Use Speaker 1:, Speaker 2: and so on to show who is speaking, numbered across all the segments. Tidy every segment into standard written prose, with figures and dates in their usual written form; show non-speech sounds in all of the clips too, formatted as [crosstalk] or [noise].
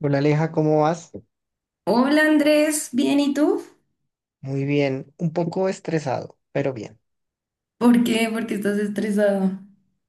Speaker 1: Hola Aleja, ¿cómo vas?
Speaker 2: Hola Andrés, ¿bien y tú?
Speaker 1: Muy bien, un poco estresado, pero bien.
Speaker 2: ¿Por qué? ¿Por qué estás estresado?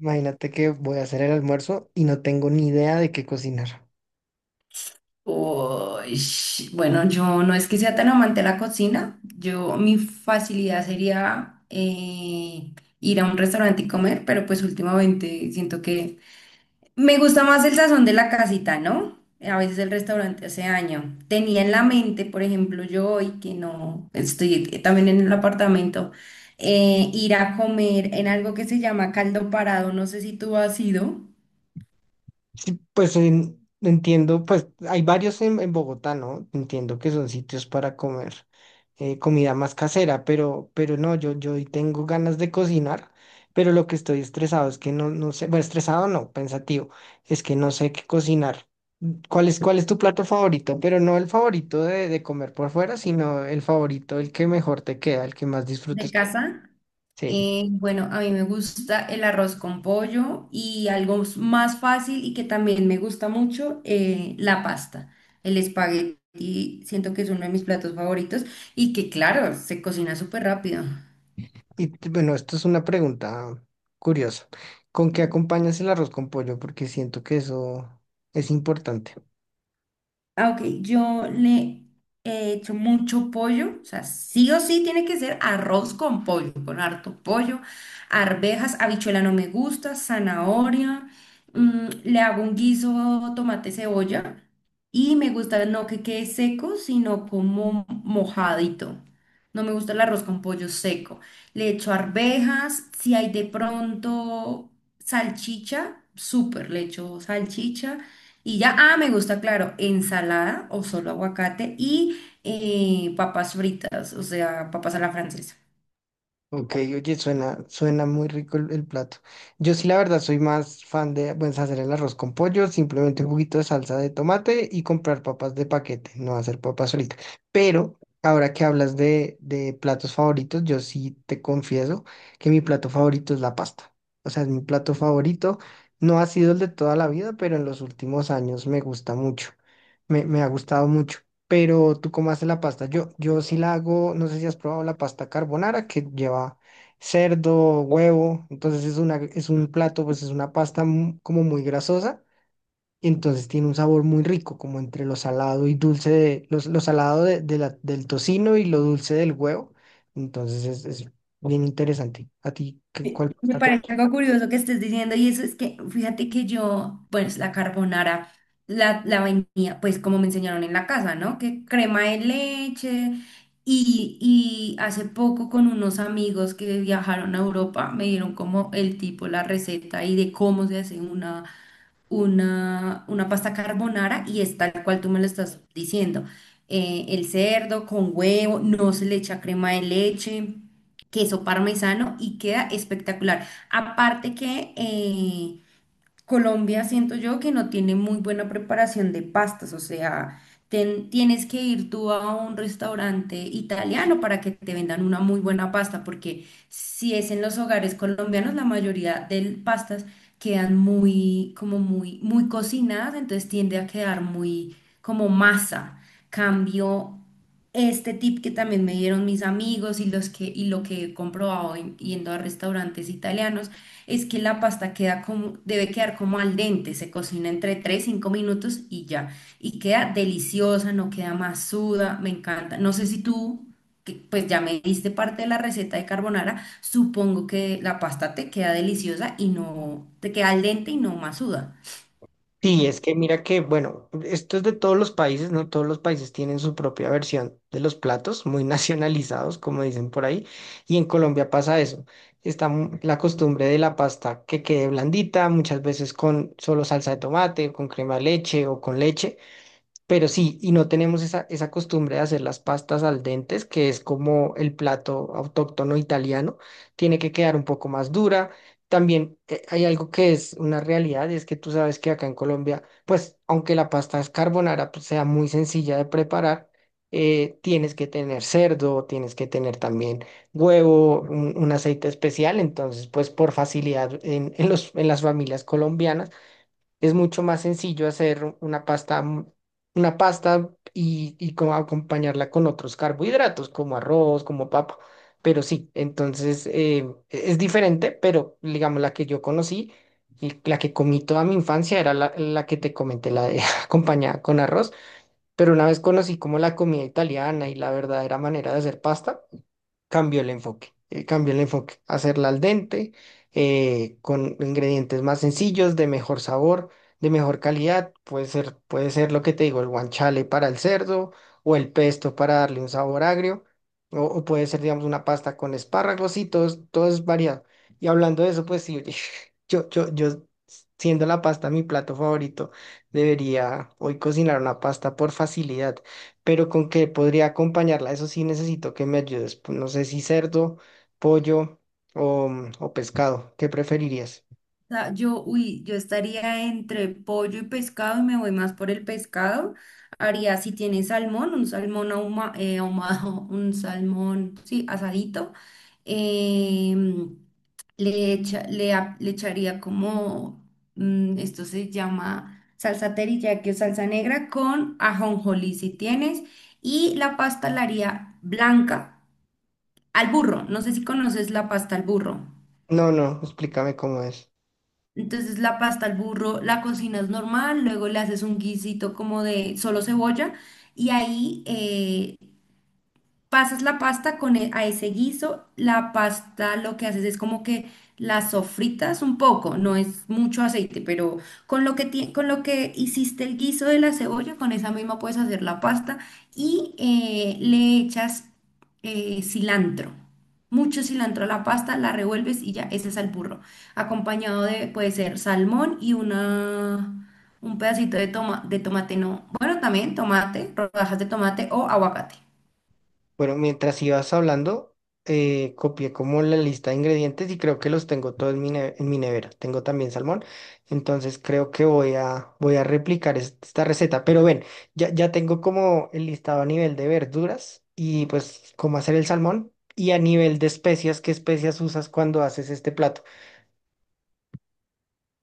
Speaker 1: Imagínate que voy a hacer el almuerzo y no tengo ni idea de qué cocinar.
Speaker 2: Uy, bueno, yo no es que sea tan amante de la cocina. Yo, mi facilidad sería ir a un restaurante y comer, pero pues últimamente siento que me gusta más el sazón de la casita, ¿no? A veces el restaurante hace año. Tenía en la mente, por ejemplo, yo hoy que no estoy también en el apartamento, ir a comer en algo que se llama caldo parado. No sé si tú has ido.
Speaker 1: Sí, pues entiendo, pues hay varios en Bogotá, ¿no? Entiendo que son sitios para comer comida más casera, pero no, yo hoy tengo ganas de cocinar, pero lo que estoy estresado es que no sé, bueno, estresado no, pensativo, es que no sé qué cocinar. ¿Cuál es tu plato favorito? Pero no el favorito de comer por fuera, sino el favorito, el que mejor te queda, el que más
Speaker 2: De
Speaker 1: disfrutes.
Speaker 2: casa.
Speaker 1: Sí.
Speaker 2: Bueno, a mí me gusta el arroz con pollo y algo más fácil y que también me gusta mucho, la pasta. El espagueti, siento que es uno de mis platos favoritos y que claro, se cocina súper rápido.
Speaker 1: Bueno, esto es una pregunta curiosa. ¿Con qué acompañas el arroz con pollo? Porque siento que eso es importante.
Speaker 2: Ah, ok, yo le he hecho mucho pollo, o sea, sí o sí tiene que ser arroz con pollo, con harto pollo, arvejas, habichuela no me gusta, zanahoria, le hago un guiso, tomate, cebolla, y me gusta no que quede seco, sino como mojadito. No me gusta el arroz con pollo seco. Le echo arvejas, si hay de pronto salchicha, súper, le echo salchicha. Y ya, ah, me gusta, claro, ensalada o solo aguacate y papas fritas, o sea, papas a la francesa.
Speaker 1: Ok, oye, suena muy rico el plato. Yo sí, la verdad, soy más fan de, pues, hacer el arroz con pollo, simplemente un juguito de salsa de tomate y comprar papas de paquete, no hacer papas solitas. Pero ahora que hablas de platos favoritos, yo sí te confieso que mi plato favorito es la pasta. O sea, es mi plato favorito. No ha sido el de toda la vida, pero en los últimos años me gusta mucho. Me ha gustado mucho. Pero tú cómo haces la pasta. Yo sí la hago, no sé si has probado la pasta carbonara que lleva cerdo, huevo. Entonces es una, es un plato, pues es una pasta como muy grasosa. Y entonces tiene un sabor muy rico, como entre lo salado y dulce, de, lo, salado de, del tocino y lo dulce del huevo. Entonces es bien interesante. ¿A ti qué,
Speaker 2: Me
Speaker 1: cuál
Speaker 2: me
Speaker 1: pasta te
Speaker 2: parece algo curioso que estés diciendo y eso es que, fíjate que yo, pues la carbonara, la vainilla, pues como me enseñaron en la casa, ¿no? Que crema de leche y hace poco con unos amigos que viajaron a Europa me dieron como el tipo, la receta y de cómo se hace una pasta carbonara y es tal cual tú me lo estás diciendo. El cerdo con huevo, no se le echa crema de leche, queso parmesano y queda espectacular. Aparte que Colombia siento yo que no tiene muy buena preparación de pastas, o sea, tienes que ir tú a un restaurante italiano para que te vendan una muy buena pasta, porque si es en los hogares colombianos, la mayoría de pastas quedan muy, como muy, muy cocinadas, entonces tiende a quedar muy como masa. Cambio este tip que también me dieron mis amigos y lo que he comprobado yendo a restaurantes italianos es que la pasta queda como, debe quedar como al dente, se cocina entre 3 5 minutos y ya. Y queda deliciosa, no queda masuda, me encanta. No sé si tú, que pues ya me diste parte de la receta de carbonara, supongo que la pasta te queda deliciosa y no, te queda al dente y no masuda.
Speaker 1: Sí, es que mira que, bueno, esto es de todos los países, ¿no? Todos los países tienen su propia versión de los platos, muy [laughs] nacionalizados, como dicen por ahí, y en Colombia pasa eso. Está la costumbre de la pasta que quede blandita, muchas veces con solo salsa de tomate, o con crema de leche o con leche, pero sí, y no tenemos esa, esa costumbre de hacer las pastas al dente, que es como el plato autóctono italiano, tiene que quedar un poco más dura. También hay algo que es una realidad, y es que tú sabes que acá en Colombia, pues aunque la pasta es carbonara, pues, sea muy sencilla de preparar, tienes que tener cerdo, tienes que tener también huevo, un aceite especial, entonces pues por facilidad en en las familias colombianas es mucho más sencillo hacer una pasta, una pasta y como acompañarla con otros carbohidratos, como arroz, como papa. Pero sí, entonces es diferente, pero digamos la que yo conocí y la que comí toda mi infancia era la que te comenté, la de [laughs] acompañada con arroz. Pero una vez conocí como la comida italiana y la verdadera manera de hacer pasta cambio el enfoque, cambió el enfoque, hacerla al dente, con ingredientes más sencillos, de mejor sabor, de mejor calidad, puede ser lo que te digo, el guanciale para el cerdo o el pesto para darle un sabor agrio, o puede ser, digamos, una pasta con espárragos y todo, todo es variado. Y hablando de eso, pues sí, [laughs] yo, siendo la pasta mi plato favorito, debería hoy cocinar una pasta por facilidad pero con qué podría acompañarla. Eso sí necesito que me ayudes. Pues, no sé si cerdo, pollo o, o pescado. ¿Qué preferirías?
Speaker 2: Sea, yo, uy, yo estaría entre pollo y pescado y me voy más por el pescado. Haría, si tiene salmón, un salmón ahumado, [laughs] un salmón, sí, asadito. Em, le echaría como, esto se llama salsa teriyaki o salsa negra con ajonjolí si tienes. Y la pasta la haría blanca al burro. No sé si conoces la pasta al burro.
Speaker 1: No, no, explícame cómo es.
Speaker 2: Entonces la pasta al burro la cocinas normal, luego le haces un guisito como de solo cebolla y ahí pasas la pasta a ese guiso, la pasta lo que haces es como que la sofritas un poco, no es mucho aceite, pero con lo que con lo que hiciste el guiso de la cebolla, con esa misma puedes hacer la pasta y le echas cilantro. Mucho cilantro a la pasta, la revuelves y ya, ese es el burro. Acompañado de, puede ser salmón y una, un pedacito de, toma, de tomate, no. Bueno, también tomate, rodajas de tomate o aguacate.
Speaker 1: Bueno, mientras ibas hablando, copié como la lista de ingredientes y creo que los tengo todos en mi, en mi nevera. Tengo también salmón, entonces creo que voy voy a replicar esta receta. Pero ven, ya tengo como el listado a nivel de verduras y pues cómo hacer el salmón y a nivel de especias, ¿qué especias usas cuando haces este plato?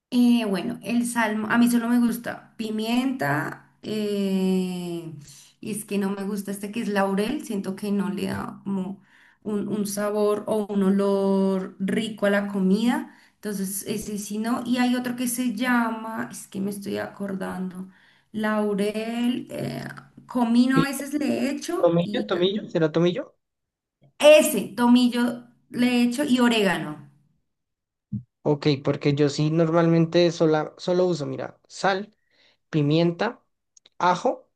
Speaker 2: Bueno, el salmo, a mí solo me gusta pimienta, y es que no me gusta este que es laurel, siento que no le da como un sabor o un olor rico a la comida, entonces ese sí no, y hay otro que se llama, es que me estoy acordando, laurel, comino a
Speaker 1: Pi-
Speaker 2: veces le echo
Speaker 1: ¿Tomillo?
Speaker 2: y
Speaker 1: ¿Tomillo? ¿Será tomillo?
Speaker 2: ese, tomillo le echo y orégano.
Speaker 1: Ok, porque yo sí normalmente solo uso, mira, sal, pimienta, ajo.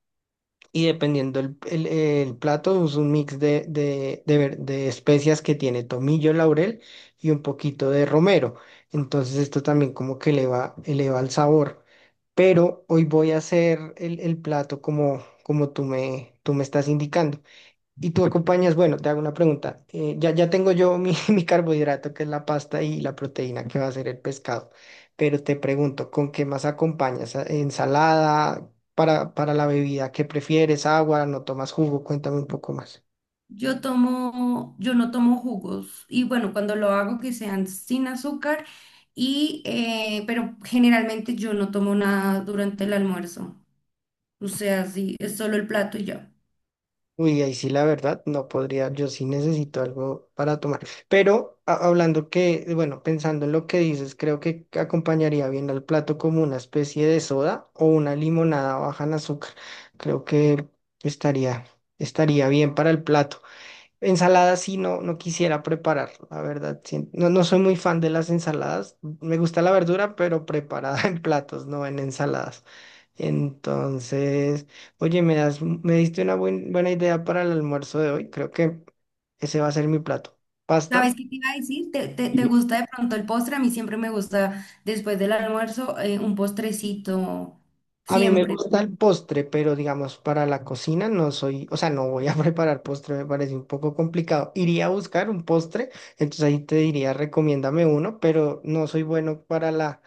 Speaker 1: Y dependiendo el, el plato, es un mix de, de especias que tiene tomillo, laurel y un poquito de romero. Entonces esto también como que eleva el sabor. Pero hoy voy a hacer el plato como, como tú me estás indicando. Y tú acompañas, bueno, te hago una pregunta. Ya, tengo yo mi, [laughs] mi carbohidrato, que es la pasta y la proteína, que va a ser el pescado. Pero te pregunto, ¿con qué más acompañas? ¿Ensalada? Para la bebida, ¿qué prefieres? ¿Agua? ¿No tomas jugo? Cuéntame un poco más.
Speaker 2: Yo tomo, yo no tomo jugos y bueno, cuando lo hago que sean sin azúcar y pero generalmente yo no tomo nada durante el almuerzo. O sea, sí, es solo el plato y ya.
Speaker 1: Uy, ahí sí la verdad, no podría, yo sí necesito algo para tomar. Pero hablando que, bueno, pensando en lo que dices, creo que acompañaría bien al plato como una especie de soda o una limonada baja en azúcar. Creo que estaría, estaría bien para el plato. Ensalada sí no, no quisiera preparar, la verdad. Sí. No, no soy muy fan de las ensaladas. Me gusta la verdura, pero preparada [laughs] en platos, no en ensaladas. Entonces, oye, me das, me diste una buena idea para el almuerzo de hoy. Creo que ese va a ser mi plato.
Speaker 2: ¿Sabes
Speaker 1: Pasta.
Speaker 2: qué te iba a decir? ¿Te
Speaker 1: Y-
Speaker 2: gusta de pronto el postre? A mí siempre me gusta después del almuerzo un postrecito,
Speaker 1: A mí me
Speaker 2: siempre.
Speaker 1: gusta el postre, pero digamos, para la cocina no soy, o sea, no voy a [laughs] preparar postre, me parece un poco complicado. Iría a buscar un postre, entonces ahí te diría, recomiéndame uno, pero no soy bueno para la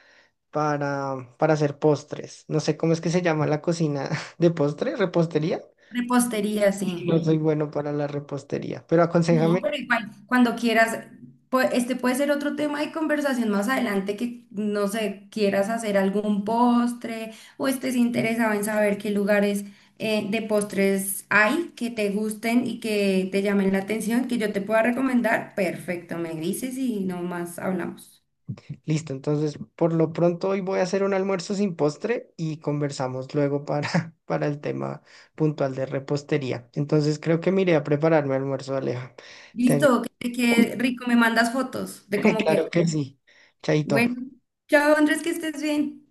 Speaker 1: para hacer postres. No sé cómo es que se llama la cocina [laughs] de postre, repostería.
Speaker 2: Repostería, sí.
Speaker 1: Y no soy bueno para la repostería, pero
Speaker 2: No,
Speaker 1: aconséjame.
Speaker 2: pero igual, cuando quieras, este puede ser otro tema de conversación más adelante que, no sé, quieras hacer algún postre o estés interesado en saber qué lugares de postres hay que te gusten y que te llamen la atención, que yo te pueda recomendar. Perfecto, me dices y nomás hablamos.
Speaker 1: Listo, entonces por lo pronto hoy voy a hacer un almuerzo sin postre y conversamos luego [laughs] para el tema puntual de repostería. Entonces creo que me iré a prepararme almuerzo, Aleja. Te agra-
Speaker 2: Listo, que te quede rico, me mandas fotos de
Speaker 1: [laughs]
Speaker 2: cómo queda.
Speaker 1: Claro que sí. Chaito.
Speaker 2: Bueno, chao Andrés, que estés bien.